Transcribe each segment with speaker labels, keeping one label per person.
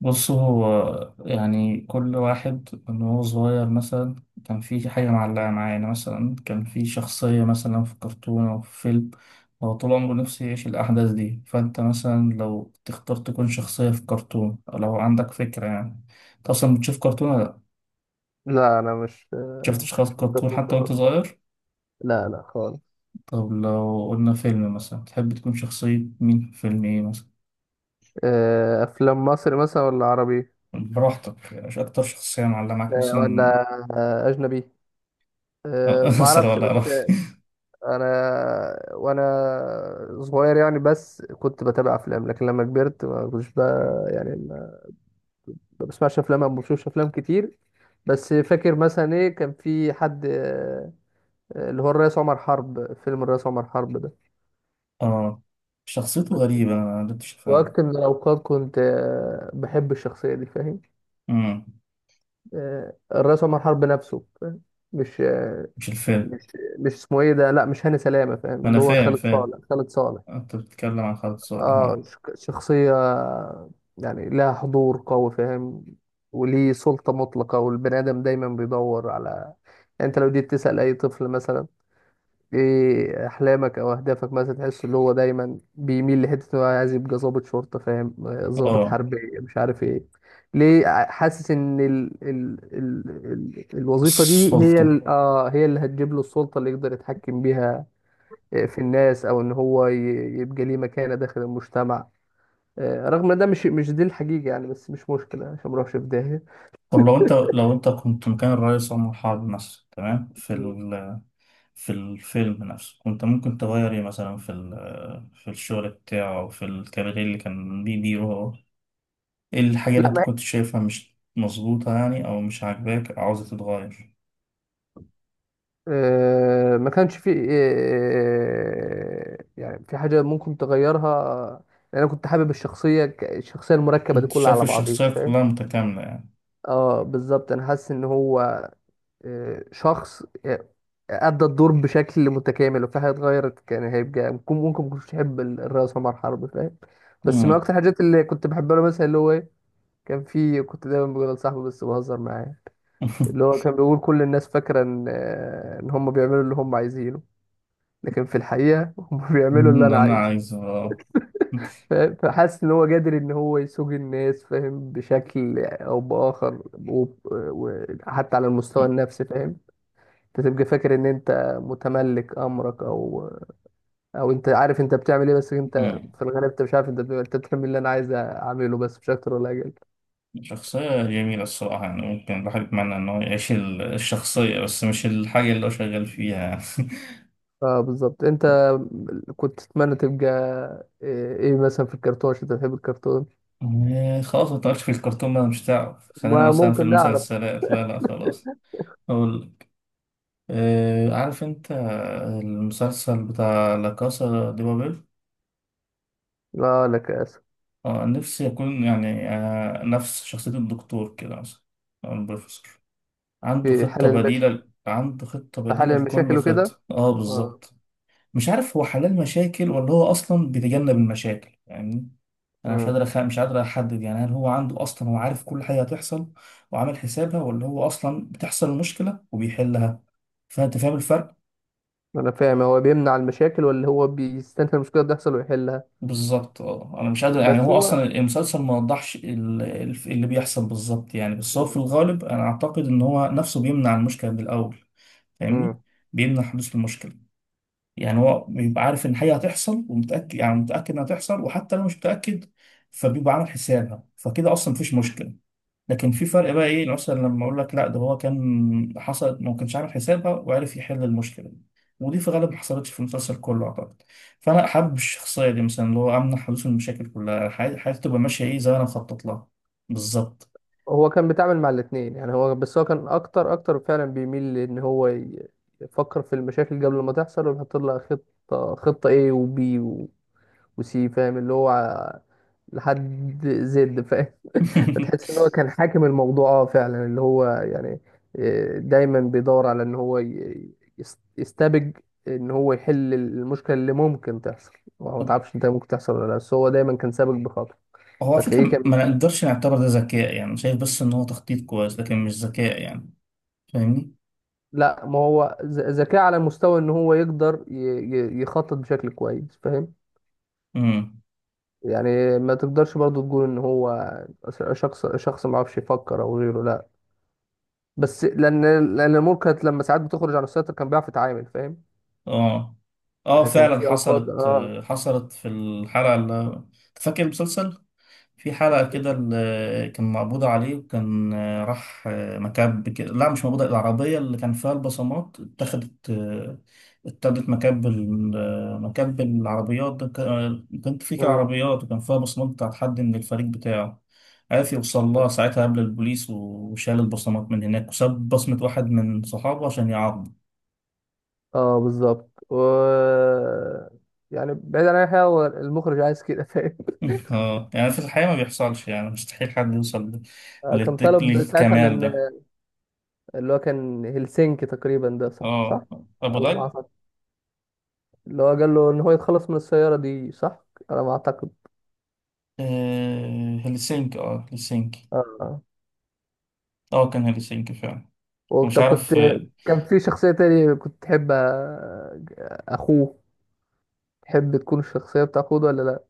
Speaker 1: بص، هو يعني كل واحد من هو صغير مثلا كان في حاجة معلقة معاه. يعني مثلا كان في شخصية مثلا في كرتون أو في فيلم. هو طول عمره نفسه يعيش الأحداث دي، فأنت مثلا لو تختار تكون شخصية في كرتون، أو لو عندك فكرة يعني. أنت أصلا بتشوف كرتون ولا لأ؟
Speaker 2: لا، انا مش
Speaker 1: شفت
Speaker 2: مش
Speaker 1: شخص
Speaker 2: مش مختلف
Speaker 1: كرتون
Speaker 2: في
Speaker 1: حتى
Speaker 2: الحوار.
Speaker 1: وأنت صغير؟
Speaker 2: لا، لا، خالص.
Speaker 1: طب لو قلنا فيلم مثلا، تحب تكون شخصية مين في فيلم إيه مثلا؟
Speaker 2: افلام مصري مثلا ولا عربي؟
Speaker 1: براحتك، مش أكتر شخصية معلقة معاك
Speaker 2: ولا
Speaker 1: مثلا.
Speaker 2: اجنبي؟ ما
Speaker 1: أسرة
Speaker 2: اعرفش
Speaker 1: ولا أقرب.
Speaker 2: بس. انا وانا صغير يعني، بس كنت بتابع افلام. لكن لما كبرت ما كنتش، بقى يعني ما بسمعش افلام او ما بشوفش افلام كتير. بس فاكر مثلا، ايه كان في حد اللي هو الرئيس عمر حرب، فيلم الرئيس عمر حرب ده.
Speaker 1: اه، شخصيته غريبة، أنا ما قدرتش أفهمها.
Speaker 2: وقت من الاوقات كنت بحب الشخصيه دي، فاهم.
Speaker 1: امم.
Speaker 2: الرئيس عمر حرب نفسه، فاهم؟ مش آه،
Speaker 1: مش الفيلم.
Speaker 2: مش مش اسمه ايه ده. لا، مش هاني سلامة، فاهم؟
Speaker 1: ما أنا
Speaker 2: اللي هو
Speaker 1: فاهم
Speaker 2: خالد
Speaker 1: فاهم.
Speaker 2: صالح، خالد صالح.
Speaker 1: أنت بتتكلم عن خالد صالح،
Speaker 2: اه،
Speaker 1: اه.
Speaker 2: شخصية يعني لها حضور قوي، فاهم. وليه سلطة مطلقة، والبني آدم دايما بيدور على. يعني انت لو جيت تسأل اي طفل مثلا ايه احلامك او اهدافك، مثلا تحس اللي هو دايما بيميل لحته إن هو عايز يبقى ضابط شرطه، فاهم؟ ضابط
Speaker 1: اه،
Speaker 2: حربي. مش عارف ايه. ليه حاسس ان ال الوظيفه دي، هي
Speaker 1: السلطة.
Speaker 2: هي اللي هتجيب له السلطه اللي يقدر يتحكم بيها. في الناس، او ان هو يبقى ليه مكانه داخل المجتمع. رغم ان ده مش دي الحقيقه يعني، بس مش مشكله عشان ما نروحش في داهيه.
Speaker 1: طب لو أنت لو أنت كنت مكان الرئيس عمر حرب مثلا، تمام،
Speaker 2: مم.
Speaker 1: في الفيلم نفسه كنت ممكن تغير إيه مثلا في الشغل بتاعه أو في الكارير اللي كان بيديره هو. إيه الحاجة اللي أنت
Speaker 2: لا.
Speaker 1: كنت شايفها مش مظبوطة يعني، أو مش عاجباك، أو عاوزة تتغير؟
Speaker 2: ما كانش في يعني في حاجة ممكن تغيرها. لأن أنا كنت حابب الشخصية الشخصية المركبة دي
Speaker 1: أنت
Speaker 2: كلها
Speaker 1: شايف
Speaker 2: على بعضيها،
Speaker 1: الشخصية
Speaker 2: فاهم.
Speaker 1: كلها متكاملة يعني؟
Speaker 2: اه بالظبط. أنا حاسس إن هو شخص أدى الدور بشكل متكامل. وفي حاجة اتغيرت كان هيبقى ممكن ما كنتش أحب الرئيس عمر حرب، فاهم. بس من
Speaker 1: امم.
Speaker 2: أكتر الحاجات اللي كنت بحبها له، مثلا اللي هو إيه، كان في كنت دايما بقول لصاحبي، بس بهزر معاه. اللي هو كان بيقول، كل الناس فاكرة إن هم بيعملوا اللي هم عايزينه، لكن في الحقيقة هم بيعملوا اللي
Speaker 1: إن
Speaker 2: أنا
Speaker 1: أنا
Speaker 2: عايزه،
Speaker 1: عايز
Speaker 2: فاهم؟ فحاسس إن هو قادر إن هو يسوق الناس، فاهم، بشكل أو بآخر. وحتى على المستوى النفسي، فاهم. أنت تبقى فاكر إن أنت متملك أمرك، أو أنت عارف أنت بتعمل إيه. بس أنت
Speaker 1: مم.
Speaker 2: في الغالب أنت مش عارف، أنت بتعمل اللي أنا عايز أعمله، بس مش أكتر ولا أقل.
Speaker 1: شخصية جميلة الصراحة، يعني ممكن الواحد يتمنى إن هو يعيش الشخصية، بس مش الحاجة اللي هو شغال فيها يعني.
Speaker 2: اه بالظبط. أنت كنت تتمنى تبقى إيه مثلا؟ في الكرتون عشان أنت بتحب الكرتون.
Speaker 1: إيه، خلاص، ما في الكرتون بقى مش هتعرف، خلينا
Speaker 2: ما
Speaker 1: مثلا في
Speaker 2: ممكن نعرف.
Speaker 1: المسلسلات، لا لا خلاص. أقول، عارف أنت المسلسل بتاع لا كاسا دي بابيل؟
Speaker 2: اه لك، آسف.
Speaker 1: نفسي أكون يعني نفس شخصية الدكتور كده مثلا، أو البروفيسور. عنده
Speaker 2: في حال
Speaker 1: خطة
Speaker 2: المشي،
Speaker 1: بديلة، عنده خطة
Speaker 2: في حل
Speaker 1: بديلة لكل
Speaker 2: المشاكل وكده.
Speaker 1: خطة. اه،
Speaker 2: اه.
Speaker 1: بالظبط. مش عارف هو حلال مشاكل ولا هو أصلا بيتجنب المشاكل يعني. أنا
Speaker 2: امم.
Speaker 1: مش قادر أحدد يعني، هل هو عنده، أصلا هو عارف كل حاجة هتحصل وعامل حسابها، ولا هو أصلا بتحصل المشكلة وبيحلها؟ فأنت فاهم الفرق؟
Speaker 2: انا فاهم، هو بيمنع المشاكل ولا هو بيستنى المشكله تحصل ويحلها؟
Speaker 1: بالظبط اه، أنا مش قادر يعني،
Speaker 2: بس
Speaker 1: هو
Speaker 2: هو.
Speaker 1: أصلا المسلسل ما وضحش اللي بيحصل بالظبط يعني، بس هو في الغالب أنا أعتقد إن هو نفسه بيمنع المشكلة من الأول. فاهمني؟
Speaker 2: امم.
Speaker 1: بيمنع حدوث المشكلة. يعني هو بيبقى عارف ان حاجه هتحصل، ومتاكد يعني متاكد انها هتحصل، وحتى لو مش متاكد فبيبقى عامل حسابها، فكده اصلا مفيش مشكله. لكن في فرق بقى، ايه مثلا لما اقول لك لا ده هو كان حصلت ما كانش عامل حسابها، وعرف يحل المشكله دي. ودي في غالب ما حصلتش في المسلسل كله اعتقد. فانا حابب الشخصيه دي، مثلا اللي هو امنع حدوث المشاكل كلها، حياتي تبقى ماشيه ايه زي ما انا مخطط لها. بالظبط.
Speaker 2: هو كان بيتعامل مع الاثنين يعني، هو بس هو كان اكتر اكتر فعلا بيميل لان هو يفكر في المشاكل قبل ما تحصل ويحط لها خطه، خطه ايه، وبي وسي فاهم، اللي هو لحد زد، فاهم. فتحس ان هو كان حاكم الموضوع. اه فعلا، اللي هو يعني دايما بيدور على ان هو يستبج، ان هو يحل المشكله اللي ممكن تحصل. ما هو تعرفش انت ممكن تحصل ولا لا، بس هو دايما كان سابق بخطوه.
Speaker 1: هو على فكره
Speaker 2: فتلاقيه كان.
Speaker 1: ما نقدرش نعتبر ده ذكاء يعني، شايف بس ان هو تخطيط كويس لكن مش ذكاء يعني. فاهمني؟
Speaker 2: لا، ما هو ذكاء على مستوى ان هو يقدر يخطط بشكل كويس، فاهم.
Speaker 1: امم.
Speaker 2: يعني ما تقدرش برضو تقول ان هو شخص ما عرفش يفكر او غيره، لا. بس لان الامور كانت لما ساعات بتخرج عن السيطره كان بيعرف يتعامل، فاهم.
Speaker 1: اه. اه
Speaker 2: يعني كان
Speaker 1: فعلا
Speaker 2: في اوقات،
Speaker 1: حصلت.
Speaker 2: اه.
Speaker 1: حصلت في الحلقة اللي، فاكر المسلسل، في حلقة كده اللي كان مقبوض عليه، وكان راح مكب كده، لا مش مقبوض، العربية اللي كان فيها البصمات اتخذت مكب مكب العربيات ده، كانت في كده
Speaker 2: مم.
Speaker 1: عربيات وكان فيها بصمات بتاعت حد من الفريق بتاعه. عرف يوصل لها ساعتها قبل البوليس، وشال البصمات من هناك، وساب بصمة واحد من صحابه عشان يعاقبه.
Speaker 2: اه بالظبط و. يعني بعيد عن اي حاجه، هو المخرج عايز كده، فاهم.
Speaker 1: اه يعني في الحقيقة ما بيحصلش يعني، مستحيل حد يوصل
Speaker 2: كان طلب ساعتها من،
Speaker 1: للكمال ده.
Speaker 2: اللي هو كان هلسنكي تقريبا ده، صح، صح.
Speaker 1: اه، أبو
Speaker 2: على ما
Speaker 1: ظبي.
Speaker 2: اعتقد. اللي هو قال له ان هو يتخلص من السياره دي، صح، على ما اعتقد.
Speaker 1: آه هلسنكي، اه هلسنكي.
Speaker 2: اه.
Speaker 1: اه كان هلسنكي فعلا. ومش
Speaker 2: طب كنت،
Speaker 1: عارف
Speaker 2: كان في شخصيه تاني كنت تحب اخوه. تحب تكون الشخصيه بتاع اخوه ده ولا لا؟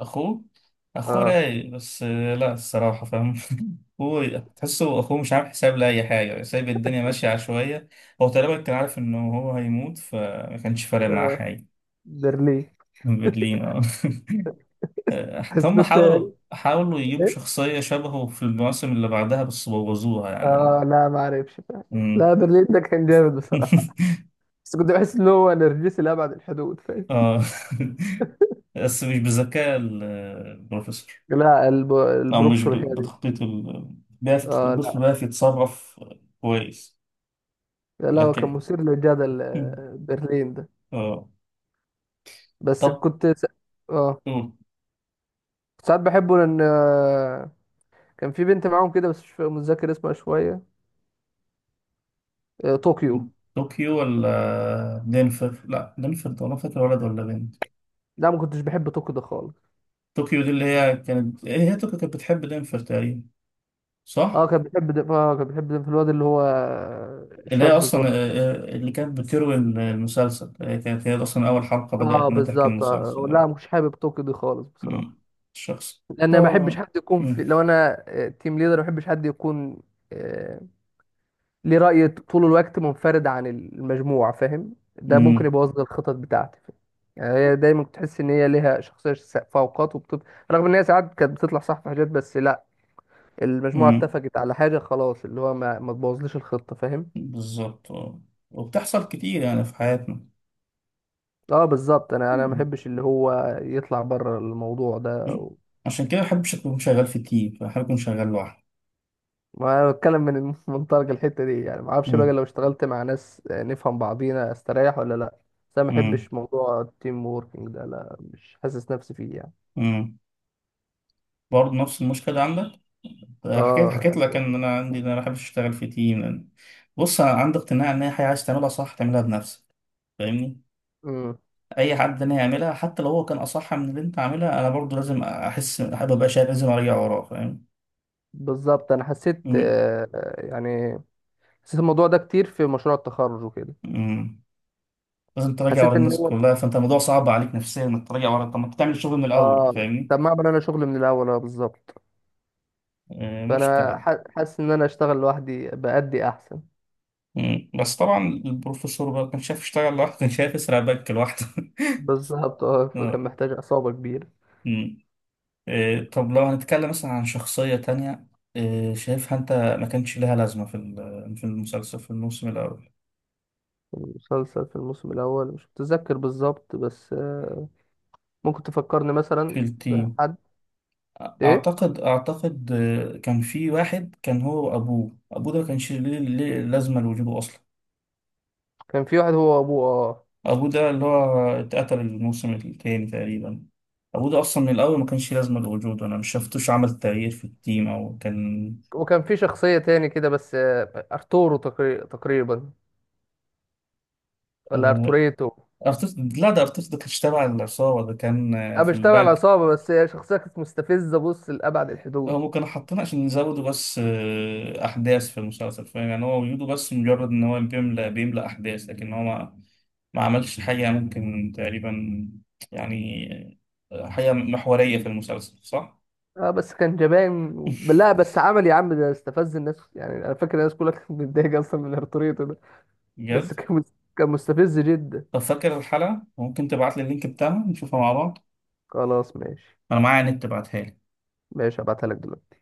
Speaker 1: أخوه. أخوه
Speaker 2: اه.
Speaker 1: رايق بس آه لا الصراحة فاهم. هو تحسه أخوه مش عامل حساب لأي حاجة، سايب الدنيا ماشية عشوائية. هو تقريبا كان عارف إنه هو هيموت فما كانش فارق معاه
Speaker 2: آه
Speaker 1: حاجة.
Speaker 2: برلين.
Speaker 1: برلين اه.
Speaker 2: بس
Speaker 1: هم
Speaker 2: كنت،
Speaker 1: حاولوا حاولوا يجيبوا
Speaker 2: ايه.
Speaker 1: شخصية شبهه في المواسم اللي بعدها بس بوظوها
Speaker 2: اه،
Speaker 1: يعني.
Speaker 2: لا ما اعرفش، فاهم.
Speaker 1: مم.
Speaker 2: لا، برلين ده كان جامد بصراحه. بس كنت بحس ان هو نرجسي لابعد الحدود، فاهم.
Speaker 1: اه بس مش بذكاء البروفيسور،
Speaker 2: لا،
Speaker 1: او مش
Speaker 2: البروفيسور هادي.
Speaker 1: بتخطيط البروفيسور
Speaker 2: اه،
Speaker 1: بيعرف يتصرف كويس.
Speaker 2: لا، لا، هو كان
Speaker 1: لكن
Speaker 2: مثير للجدل،
Speaker 1: مم.
Speaker 2: برلين ده.
Speaker 1: اه.
Speaker 2: بس
Speaker 1: طب.
Speaker 2: كنت س. اه،
Speaker 1: أوه.
Speaker 2: ساعات بحبه لان كان في بنت معاهم كده، بس مش متذكر اسمها شويه. طوكيو.
Speaker 1: طوكيو ولا دنفر؟ لا دنفر ده، انا فاكر ولد ولا بنت.
Speaker 2: لا، ما كنتش بحب طوكيو ده خالص.
Speaker 1: طوكيو دي اللي هي كانت، هي طوكيو كانت بتحب دنفر تقريبا. صح.
Speaker 2: اه كان بيحب ده في الواد اللي هو
Speaker 1: اللي هي
Speaker 2: شاب
Speaker 1: أصلا
Speaker 2: صغير.
Speaker 1: اللي كانت بتروي المسلسل، كانت هي أصلا أول حلقة بدأت
Speaker 2: اه
Speaker 1: إنها تحكي
Speaker 2: بالظبط.
Speaker 1: المسلسل
Speaker 2: لا،
Speaker 1: آه.
Speaker 2: مش حابب طوكيو دي خالص بصراحه.
Speaker 1: مم. الشخص.
Speaker 2: لان ما بحبش
Speaker 1: آه.
Speaker 2: حد يكون
Speaker 1: مم.
Speaker 2: في، لو انا تيم ليدر، ما بحبش حد يكون آه، ليه راي طول الوقت منفرد عن المجموعه، فاهم. ده ممكن
Speaker 1: مم.
Speaker 2: يبوظ لي الخطط بتاعتي، فاهم؟ يعني هي دايما تحس ان هي ليها شخصيه فوقات، وبتب. رغم ان هي ساعات كانت بتطلع صح في حاجات، بس لا، المجموعه
Speaker 1: مم.
Speaker 2: اتفقت على حاجه خلاص، اللي هو ما تبوظليش الخطه، فاهم.
Speaker 1: بالظبط آه. وبتحصل كتير يعني في حياتنا.
Speaker 2: اه بالظبط. انا ما
Speaker 1: مم.
Speaker 2: بحبش اللي هو يطلع بره الموضوع ده.
Speaker 1: مم. عشان كده مبحبش أكون شغال في تيم، بحب أكون شغال لوحدي.
Speaker 2: ما انا بتكلم من منطلق الحته دي يعني، ما اعرفش بقى
Speaker 1: مم.
Speaker 2: لو اشتغلت مع ناس نفهم بعضينا استريح ولا لا. بس انا ما
Speaker 1: مم.
Speaker 2: بحبش موضوع التيم ووركينج ده، لا، مش حاسس نفسي فيه يعني.
Speaker 1: مم. برضه نفس المشكلة عندك. حكيت
Speaker 2: اه
Speaker 1: حكيت
Speaker 2: يعني،
Speaker 1: لك إن أنا عندي، إن أنا مبحبش أشتغل في تيم لأن، بص أنا عندي اقتناع إن هي حاجة عايز تعملها صح تعملها بنفسك. فاهمني؟
Speaker 2: امم،
Speaker 1: اي حد انا هيعملها حتى لو هو كان اصح من اللي انت عاملها، انا برضو لازم احس، حابب ابقى شايف، لازم ارجع وراه. فاهم؟
Speaker 2: بالظبط. انا حسيت
Speaker 1: امم.
Speaker 2: يعني، حسيت الموضوع ده كتير في مشروع التخرج وكده.
Speaker 1: أمم. لازم تراجع ورا
Speaker 2: حسيت ان
Speaker 1: الناس
Speaker 2: هو،
Speaker 1: كلها، فانت الموضوع صعب عليك نفسيا انك تراجع ورا، طب ما تعمل الشغل من الاول.
Speaker 2: اه.
Speaker 1: فاهمني؟
Speaker 2: طب ما اعمل انا شغل من الاول. اه بالظبط.
Speaker 1: آه،
Speaker 2: فانا
Speaker 1: مشكله.
Speaker 2: حاسس ان انا اشتغل لوحدي بأدي احسن.
Speaker 1: أمم. بس طبعا البروفيسور بقى كان شايف يشتغل لوحده، كان شايف يسرق بنك لوحده.
Speaker 2: بالظبط. اه، فكان
Speaker 1: آه.
Speaker 2: محتاج عصابه كبيره.
Speaker 1: أمم. طب لو هنتكلم مثلا عن شخصيه تانية، شايفها انت ما كانش لها لازمه في المسلسل، في الموسم الاول،
Speaker 2: المسلسل في الموسم الأول مش متذكر بالظبط، بس ممكن تفكرني
Speaker 1: في
Speaker 2: مثلا
Speaker 1: التيم.
Speaker 2: بحد. إيه،
Speaker 1: اعتقد اعتقد كان في واحد كان هو وابوه، ابوه ده ما كانش ليه لازمه لوجوده اصلا.
Speaker 2: كان في واحد هو وأبوه،
Speaker 1: ابوه ده اللي هو اتقتل الموسم التاني تقريبا. ابوه ده اصلا من الاول ما كانش لازمه لوجوده، انا مش شفتوش عمل تغيير في التيم او كان
Speaker 2: وكان في شخصية تاني كده، بس أرتورو تقريبا، ولا
Speaker 1: آه،
Speaker 2: أرتوريتو.
Speaker 1: ارتيتا. لا ده ارتيتا ده كانش تابع العصابه، ده كان
Speaker 2: أنا
Speaker 1: في
Speaker 2: مش تابع
Speaker 1: البنك.
Speaker 2: العصابة، بس هي شخصية كانت مستفزة، بص، لأبعد الحدود.
Speaker 1: هم كانوا حاطينه عشان يزودوا بس احداث في المسلسل، فاهم يعني، هو وجوده بس مجرد ان هو بيملى بيملى احداث، لكن هو ما عملش حاجة ممكن تقريبا يعني حاجة محورية في المسلسل، صح؟
Speaker 2: اه، بس كان جبان لا، بس عمل يا عم ده استفز الناس. يعني انا فاكر الناس كلها كانت متضايقه اصلا من ارتوريتو ده.
Speaker 1: بجد؟
Speaker 2: بس كان مستفز جدا.
Speaker 1: طب فاكر الحلقة؟ ممكن تبعت لي اللينك بتاعها نشوفها مع بعض؟
Speaker 2: خلاص ماشي.
Speaker 1: أنا معايا نت تبعتها لي.
Speaker 2: ماشي، هبعتها لك دلوقتي.